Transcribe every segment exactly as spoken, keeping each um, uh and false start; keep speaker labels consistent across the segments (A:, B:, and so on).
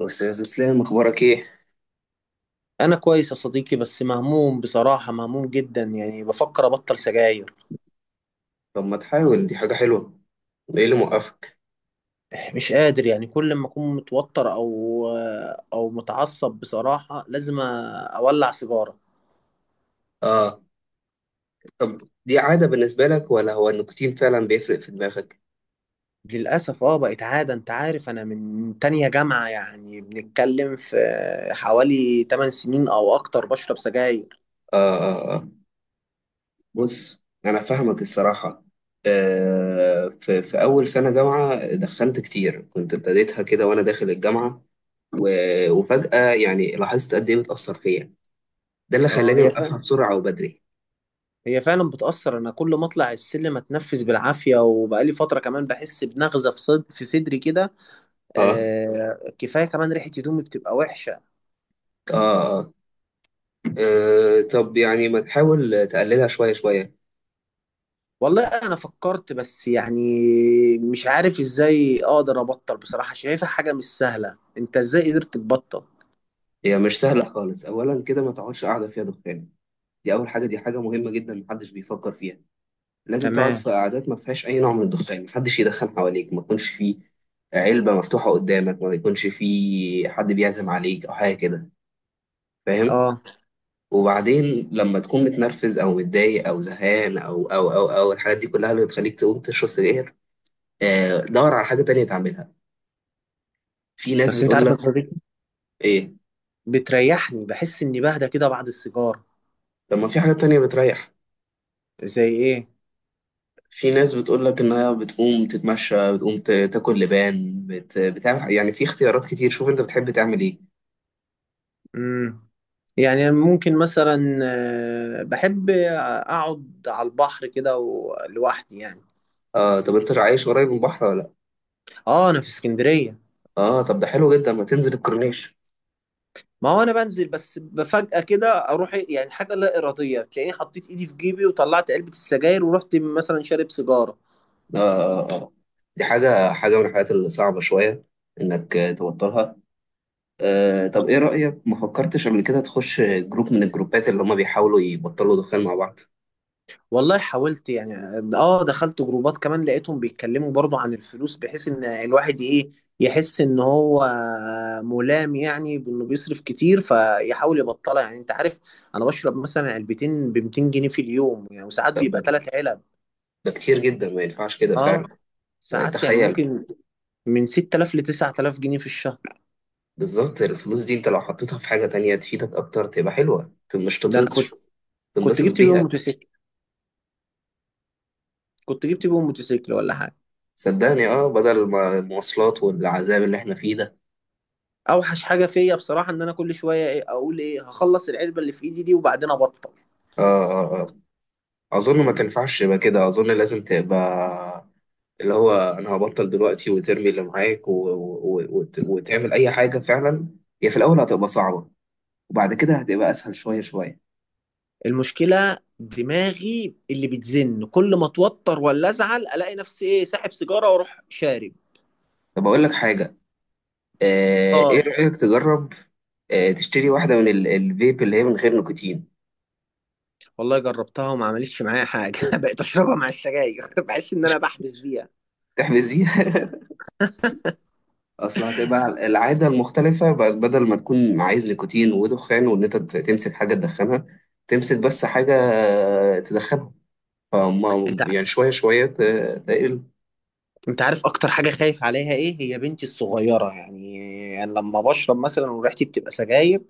A: أستاذ إسلام، أخبارك إيه؟
B: انا كويس يا صديقي، بس مهموم بصراحة، مهموم جدا. يعني بفكر ابطل سجاير.
A: طب ما تحاول، دي حاجة حلوة، إيه اللي موقفك؟
B: مش قادر، يعني كل ما اكون متوتر او او متعصب بصراحة لازم اولع سيجارة.
A: آه. طب دي عادة بالنسبة لك ولا هو النيكوتين فعلا بيفرق في دماغك؟
B: للأسف اه، بقت عادة. انت عارف، انا من تانية جامعة، يعني بنتكلم في حوالي ثمانية سنين او اكتر بشرب سجاير.
A: آه، آه، آه. بص أنا فاهمك الصراحة. آه في, في أول سنة جامعة دخنت كتير، كنت ابتديتها كده وأنا داخل الجامعة و... وفجأة يعني لاحظت قد إيه بتأثر فيا. ده اللي
B: اه،
A: خلاني
B: هي
A: أوقفها
B: فعلا
A: بسرعة وبدري.
B: هي فعلا بتأثر. انا كل ما اطلع السلم اتنفس بالعافية، وبقالي فترة كمان بحس بنغزة في صد... في صدري كده.
A: آه،
B: آه، كفايه كمان، ريحه هدومي بتبقى وحشه.
A: آه، آه، آه. طب يعني ما تحاول تقللها شوية شوية.
B: والله انا فكرت، بس يعني مش عارف ازاي اقدر ابطل بصراحه، شايفها حاجه مش سهله. انت ازاي قدرت تبطل؟
A: هي مش سهلة خالص. أولا كده ما تقعدش قاعدة فيها دخان، دي أول حاجة، دي حاجة مهمة جدا محدش بيفكر فيها. لازم تقعد في
B: تمام.
A: قعدات ما فيهاش أي نوع من الدخان، محدش يدخن حواليك، ما يكونش فيه علبة مفتوحة قدامك، ما يكونش فيه حد بيعزم عليك أو حاجة كده. فاهم؟
B: اه
A: وبعدين لما تكون متنرفز أو متضايق أو زهقان أو أو أو أو الحاجات دي كلها اللي بتخليك تقوم تشرب سجاير، آه، دور على حاجة تانية تعملها. في ناس
B: بس انت
A: بتقول
B: عارف يا
A: لك.
B: صديقي،
A: إيه؟
B: بتريحني، بحس اني بهدى كده بعد السيجار.
A: طب ما في حاجة تانية بتريح؟
B: زي ايه؟
A: في ناس بتقول لك ان هي بتقوم تتمشى، بتقوم ت- تاكل لبان، بت... بتعمل، يعني في اختيارات كتير، شوف انت بتحب تعمل ايه.
B: امم يعني ممكن مثلا، آه، بحب اقعد على البحر كده و- لوحدي يعني.
A: آه، طب انت عايش قريب من البحر ولا لا؟
B: اه انا في اسكندريه.
A: اه، طب ده حلو جدا، ما تنزل الكورنيش.
B: ما هو انا بنزل، بس فجأة كده اروح إيه، يعني حاجة لا ارادية، تلاقيني حطيت ايدي في جيبي وطلعت علبة السجاير ورحت مثلا شارب سيجارة.
A: آه، آه، آه. دي حاجة، حاجة من الحاجات الصعبة شوية، انك آه، توترها. آه
B: آه.
A: طب ايه رأيك، ما فكرتش قبل كده تخش جروب من الجروبات اللي هما بيحاولوا يبطلوا دخان مع بعض؟
B: والله حاولت يعني، اه دخلت جروبات كمان، لقيتهم بيتكلموا برضو عن الفلوس، بحيث ان الواحد ايه، يحس ان هو ملام، يعني بانه بيصرف كتير فيحاول يبطلها. يعني انت عارف، انا بشرب مثلا علبتين ب ميتين جنيه في اليوم يعني، وساعات
A: ده,
B: بيبقى
A: ده
B: ثلاث علب.
A: ده كتير جدا، ما ينفعش كده
B: اه.
A: فعلا.
B: ساعات يعني
A: تخيل.
B: ممكن من ستة آلاف ل تسعة آلاف جنيه في الشهر.
A: بالظبط، الفلوس دي انت لو حطيتها في حاجة تانية تفيدك اكتر تبقى حلوة، ت- مش
B: ده انا كنت
A: تطنش،
B: كنت
A: تنبسط
B: جبت بيهم
A: بيها.
B: موتوسيكل كنت جبت بيهم موتوسيكل ولا حاجه.
A: صدقني اه بدل ما المواصلات والعذاب اللي احنا فيه ده.
B: اوحش حاجه فيا بصراحه، ان انا كل شويه ايه، اقول ايه هخلص العلبه اللي في ايدي دي وبعدين ابطل.
A: اه، اه، اه. اظن ما
B: مم.
A: تنفعش يبقى كده، اظن لازم تبقى اللي هو، انا هبطل دلوقتي وترمي اللي معاك و... و... و... وت- وتعمل اي حاجة فعلا. هي في الاول هتبقى صعبة، وبعد كده هتبقى اسهل شوية شوية.
B: المشكله دماغي اللي بتزن، كل ما اتوتر ولا ازعل الاقي نفسي ايه، ساحب سيجاره واروح شارب.
A: طب اقول لك حاجة. آه ايه
B: اه.
A: رأيك تجرب، آه تشتري واحدة من ال... الفيب اللي هي من غير نيكوتين.
B: والله جربتها وما عملتش معايا حاجه بقيت اشربها مع السجاير بحس ان انا بحبس فيها.
A: تحبس دي. اصل هتبقى العاده المختلفه، بقت بدل ما تكون عايز نيكوتين ودخان وان انت ت- تمسك حاجه تدخنها، تمسك بس حاجه تدخنها، فما
B: انت
A: يعني شويه شويه ت- تقل.
B: انت عارف اكتر حاجه خايف عليها ايه، هي بنتي الصغيره يعني. يعني لما بشرب مثلا وريحتي بتبقى سجاير،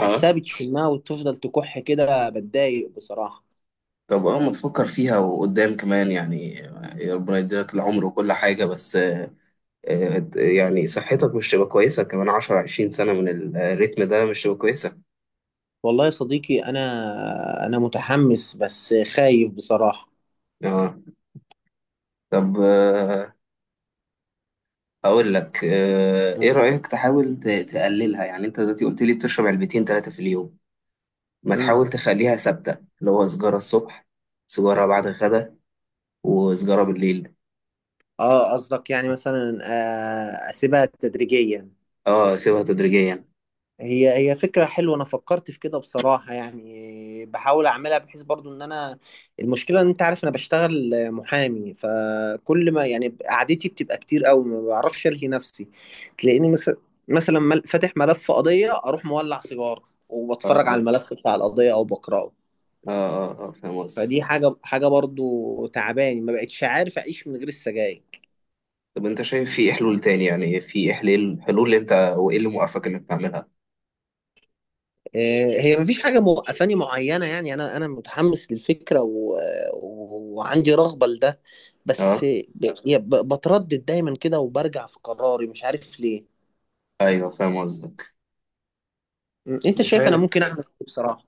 A: اه.
B: بتشمها وتفضل تكح كده، بتضايق بصراحه.
A: طب اه ما تفكر فيها وقدام كمان يعني يعني ربنا يديلك العمر وكل حاجه. بس آه، يعني صحتك مش تبقى كويسه كمان عشرة عشرين سنه من الريتم ده، مش تبقى كويسه.
B: والله يا صديقي انا انا متحمس بس خايف بصراحه.
A: اه. طب آه، اقول لك، آه، ايه رايك تحاول ت- تقللها؟ يعني انت دلوقتي قلت لي بتشرب علبتين ثلاثه في اليوم. ما
B: امم.
A: تحاول تخليها ثابتة، اللي هو سجارة الصبح، سجارة بعد الغدا، وسجارة بالليل.
B: اه قصدك يعني مثلا، آه، اسيبها تدريجيا.
A: اه، سيبها تدريجيا.
B: هي هي فكرة حلوة. أنا فكرت في كده بصراحة، يعني بحاول أعملها بحيث برضو إن أنا... المشكلة إن أنت عارف أنا بشتغل محامي، فكل ما يعني قعدتي بتبقى كتير أوي، ما بعرفش ألهي نفسي. تلاقيني مثلا، مثلا مل- فاتح ملف قضية أروح مولع سيجارة،
A: اه، اه،
B: وبتفرج
A: اه،
B: على الملف بتاع القضية أو بقرأه.
A: اه، آه. فاهم قصدك.
B: فدي حاجة حاجة برضو تعباني، ما بقتش عارف أعيش من غير السجاير.
A: طب انت شايف في حلول تاني؟ يعني في حلول، حلول اللي انت، وايه اللي موقفك انك تعملها؟
B: آه، هي مفيش حاجة موقفاني معينة يعني. أنا أنا متحمس للفكرة، و... و- وعندي رغبة لده. بس
A: اه،
B: ب... يا ب... بتردد دايما كده، وبرجع في قراري مش عارف ليه.
A: ايوه، فاهم قصدك.
B: م، أنت
A: مش
B: شايف أنا
A: عارف،
B: ممكن أعمل إيه بصراحة؟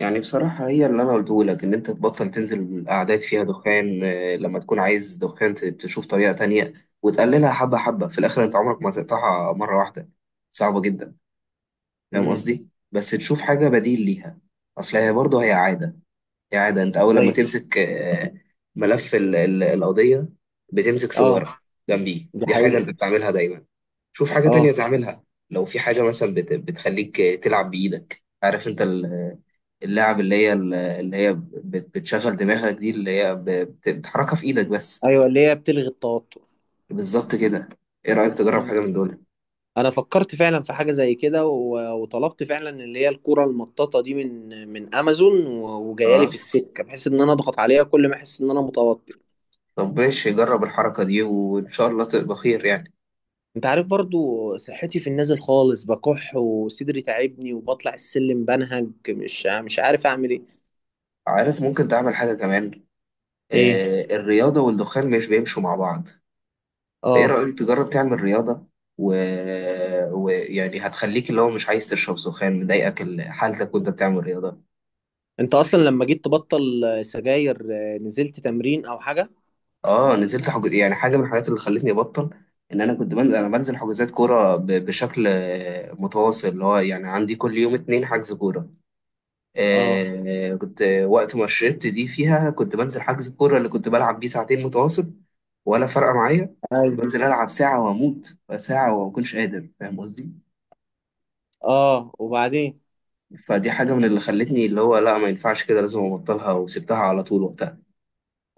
A: يعني بصراحة هي اللي أنا قلته لك، إن أنت تبطل تنزل قعدات فيها دخان، آه، لما تكون عايز دخان ت- تشوف طريقة تانية، وتقللها حبة حبة في الآخر. أنت عمرك ما تقطعها مرة واحدة، صعبة جدا. فاهم
B: امم.
A: قصدي؟ بس تشوف حاجة بديل ليها. اصل هي برضه، هي عادة، هي عادة انت اول لما
B: أيوه.
A: تمسك آه، ملف ال- ال- القضية، بتمسك
B: أه.
A: سيجارة جنبيه.
B: دي
A: دي حاجة
B: حقيقة.
A: انت بتعملها دايما. شوف حاجة تانية
B: أه.
A: تعملها. لو في حاجة مثلا بت- بتخليك تلعب بإيدك، عارف انت ال- اللعب اللي هي ال- اللي هي بت- بتشغل دماغك دي، اللي هي ب- بت- بتحركها في إيدك بس.
B: أيوه، اللي هي بتلغي التوتر.
A: بالظبط كده. ايه رأيك تجرب
B: مم.
A: حاجة من دول؟
B: أنا فكرت فعلا في حاجة زي كده، و... وطلبت فعلا اللي هي الكرة المطاطة دي من من أمازون، و... وجاية لي في
A: اه.
B: السكة بحيث إن أنا أضغط عليها كل ما أحس إن أنا متوتر.
A: طب ماشي، جرب الحركة دي، وان شاء الله تبقى خير يعني.
B: انت عارف برضو، صحتي في النازل خالص، بكح وصدري تعبني وبطلع السلم بنهج، مش مش عارف اعمل ايه.
A: عارف، ممكن تعمل حاجة كمان.
B: ايه؟
A: آه، الرياضة والدخان مش بيمشوا مع بعض. فإيه
B: اه.
A: رأيك تجرب تعمل رياضة و... ويعني هتخليك اللي هو مش عايز تشرب دخان، مضايقك ال- حالتك وأنت بتعمل رياضة.
B: انت اصلا لما جيت تبطل سجاير، آه، نزلت تمرين او حاجة؟
A: اه، نزلت حجز، يعني حاجة من الحاجات اللي خلتني أبطل. إن أنا كنت بنزل أنا بنزل حجوزات كورة ب... بشكل آه، متواصل، اللي هو يعني عندي كل يوم اتنين حجز كورة.
B: اه.
A: آه، كنت وقت ما شربت دي فيها كنت بنزل حجز الكورة اللي كنت بلعب بيه ساعتين متواصل، ولا فارقة معايا.
B: ايوه.
A: بنزل ألعب ساعة وأموت ساعة وما أكونش قادر، فاهم قصدي؟
B: اه، وبعدين؟
A: فدي حاجة من اللي خلتني اللي هو، لا ما ينفعش كده، لازم أبطلها، وسبتها على طول وقتها.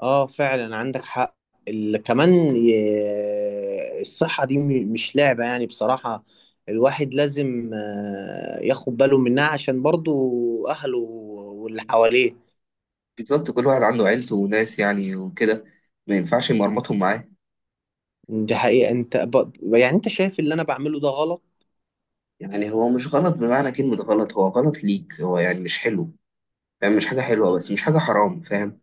B: اه فعلا عندك حق. ال... كمان ي- الصحة دي م- مش لعبة يعني بصراحة. الواحد لازم، آه، ياخد باله منها عشان برضو اهله واللي حواليه.
A: بالظبط. كل واحد عنده عيلته وناس يعني وكده، ما ينفعش يمرمطهم معاه.
B: دي حقيقة. انت ب... يعني انت شايف اللي انا بعمله ده غلط؟
A: يعني هو مش غلط، بمعنى كلمة غلط، هو غلط ليك، هو يعني مش حلو. فاهم؟ مش حاجة حلوة، بس مش حاجة حرام. فاهم؟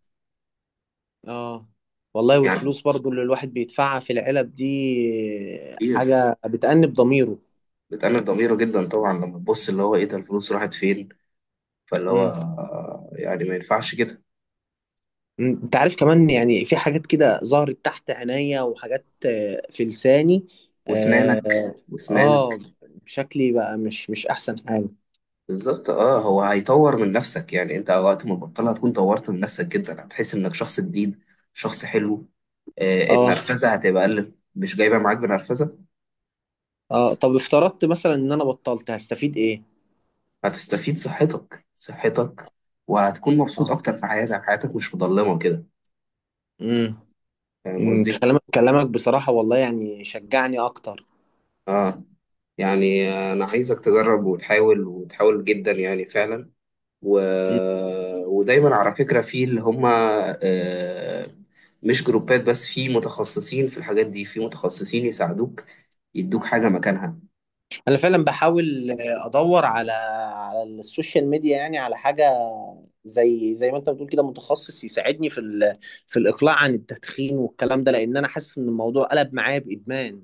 B: اه. والله
A: يعني
B: والفلوس برضو اللي الواحد بيدفعها في العلب دي،
A: كتير.
B: حاجة بتأنب ضميره.
A: بتأنب ضميره جدا طبعا، لما تبص اللي هو ايه ده، الفلوس راحت فين؟ فاللي هو
B: امم.
A: آه، يعني ما ينفعش كده.
B: انت عارف كمان يعني في حاجات كده ظهرت تحت عينيا، وحاجات آه، في لساني.
A: واسنانك.
B: اه.
A: واسنانك.
B: آه، شكلي بقى مش مش احسن حاجة.
A: بالظبط. اه هو هيطور من نفسك، يعني انت وقت ما تبطلها هتكون طورت من نفسك جدا، هتحس انك شخص جديد، شخص حلو. آه،
B: اه،
A: النرفزة هتبقى أقل، مش جايبة معاك بنرفزة.
B: اه. طب افترضت مثلا ان انا بطلت هستفيد ايه؟
A: هتستفيد صحتك، صحتك. وهتكون مبسوط
B: اه.
A: أكتر في حياتك، حياتك مش مضلمة كده.
B: امم.
A: فاهم
B: أمم،
A: قصدي؟
B: كلامك كلامك بصراحة والله يعني شجعني اكتر.
A: آه يعني أنا عايزك تجرب وتحاول، وتحاول جدا يعني فعلا. و... ودايما على فكرة، في اللي هم آه، مش جروبات بس، في متخصصين في الحاجات دي، في متخصصين يساعدوك، يدوك حاجة مكانها.
B: انا فعلا بحاول ادور على على السوشيال ميديا يعني، على حاجه زي زي ما انت بتقول كده، متخصص يساعدني في ال... في الاقلاع عن التدخين والكلام ده، لان انا حاسس ان الموضوع قلب معايا بادمان.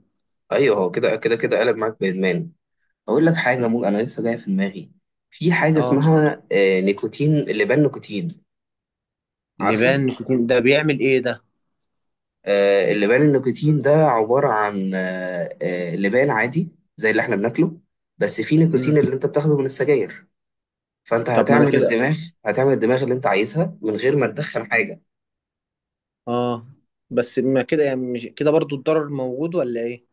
A: أيوه، هو كده، كده، كده، قلب معاك بإدمان. أقول لك حاجة
B: مم.
A: مو أنا لسه جاية في دماغي. في حاجة
B: اه.
A: اسمها آه، نيكوتين اللبان، نيكوتين. عارفه؟
B: لبان نيكوتين، ده بيعمل ايه ده؟
A: آه، اللبان النيكوتين ده عبارة عن آه، آه، لبان عادي زي اللي احنا بناكله، بس فيه نيكوتين
B: مم.
A: اللي انت بتاخده من السجاير. فانت
B: طب ما انا
A: هتعمل
B: كده.
A: الدماغ هتعمل الدماغ اللي انت عايزها من غير ما تدخن حاجه.
B: اه، بس ما كده يعني مش كده برضو الضرر موجود ولا ايه؟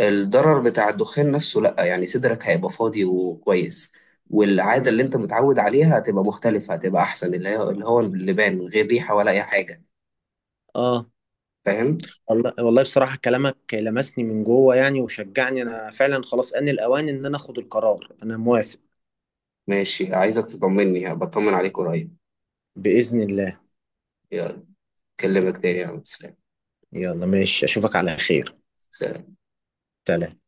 A: الضرر بتاع الدخان نفسه لا، يعني صدرك هيبقى فاضي وكويس، والعاده
B: مم.
A: اللي انت متعود عليها هتبقى مختلفه، هتبقى احسن، اللي هي اللي هو اللبان من غير ريحه ولا اي حاجه.
B: اه
A: فاهم؟
B: والله والله بصراحه كلامك لمسني من جوه يعني، وشجعني. انا فعلا خلاص، ان الاوان ان انا اخد القرار، انا موافق.
A: ماشي، عايزك تطمني، بطمن عليك قريب.
B: باذن الله.
A: يلا، اكلمك تاني يا عم. سلام.
B: يلا ماشي، اشوفك على خير.
A: سلام.
B: سلام.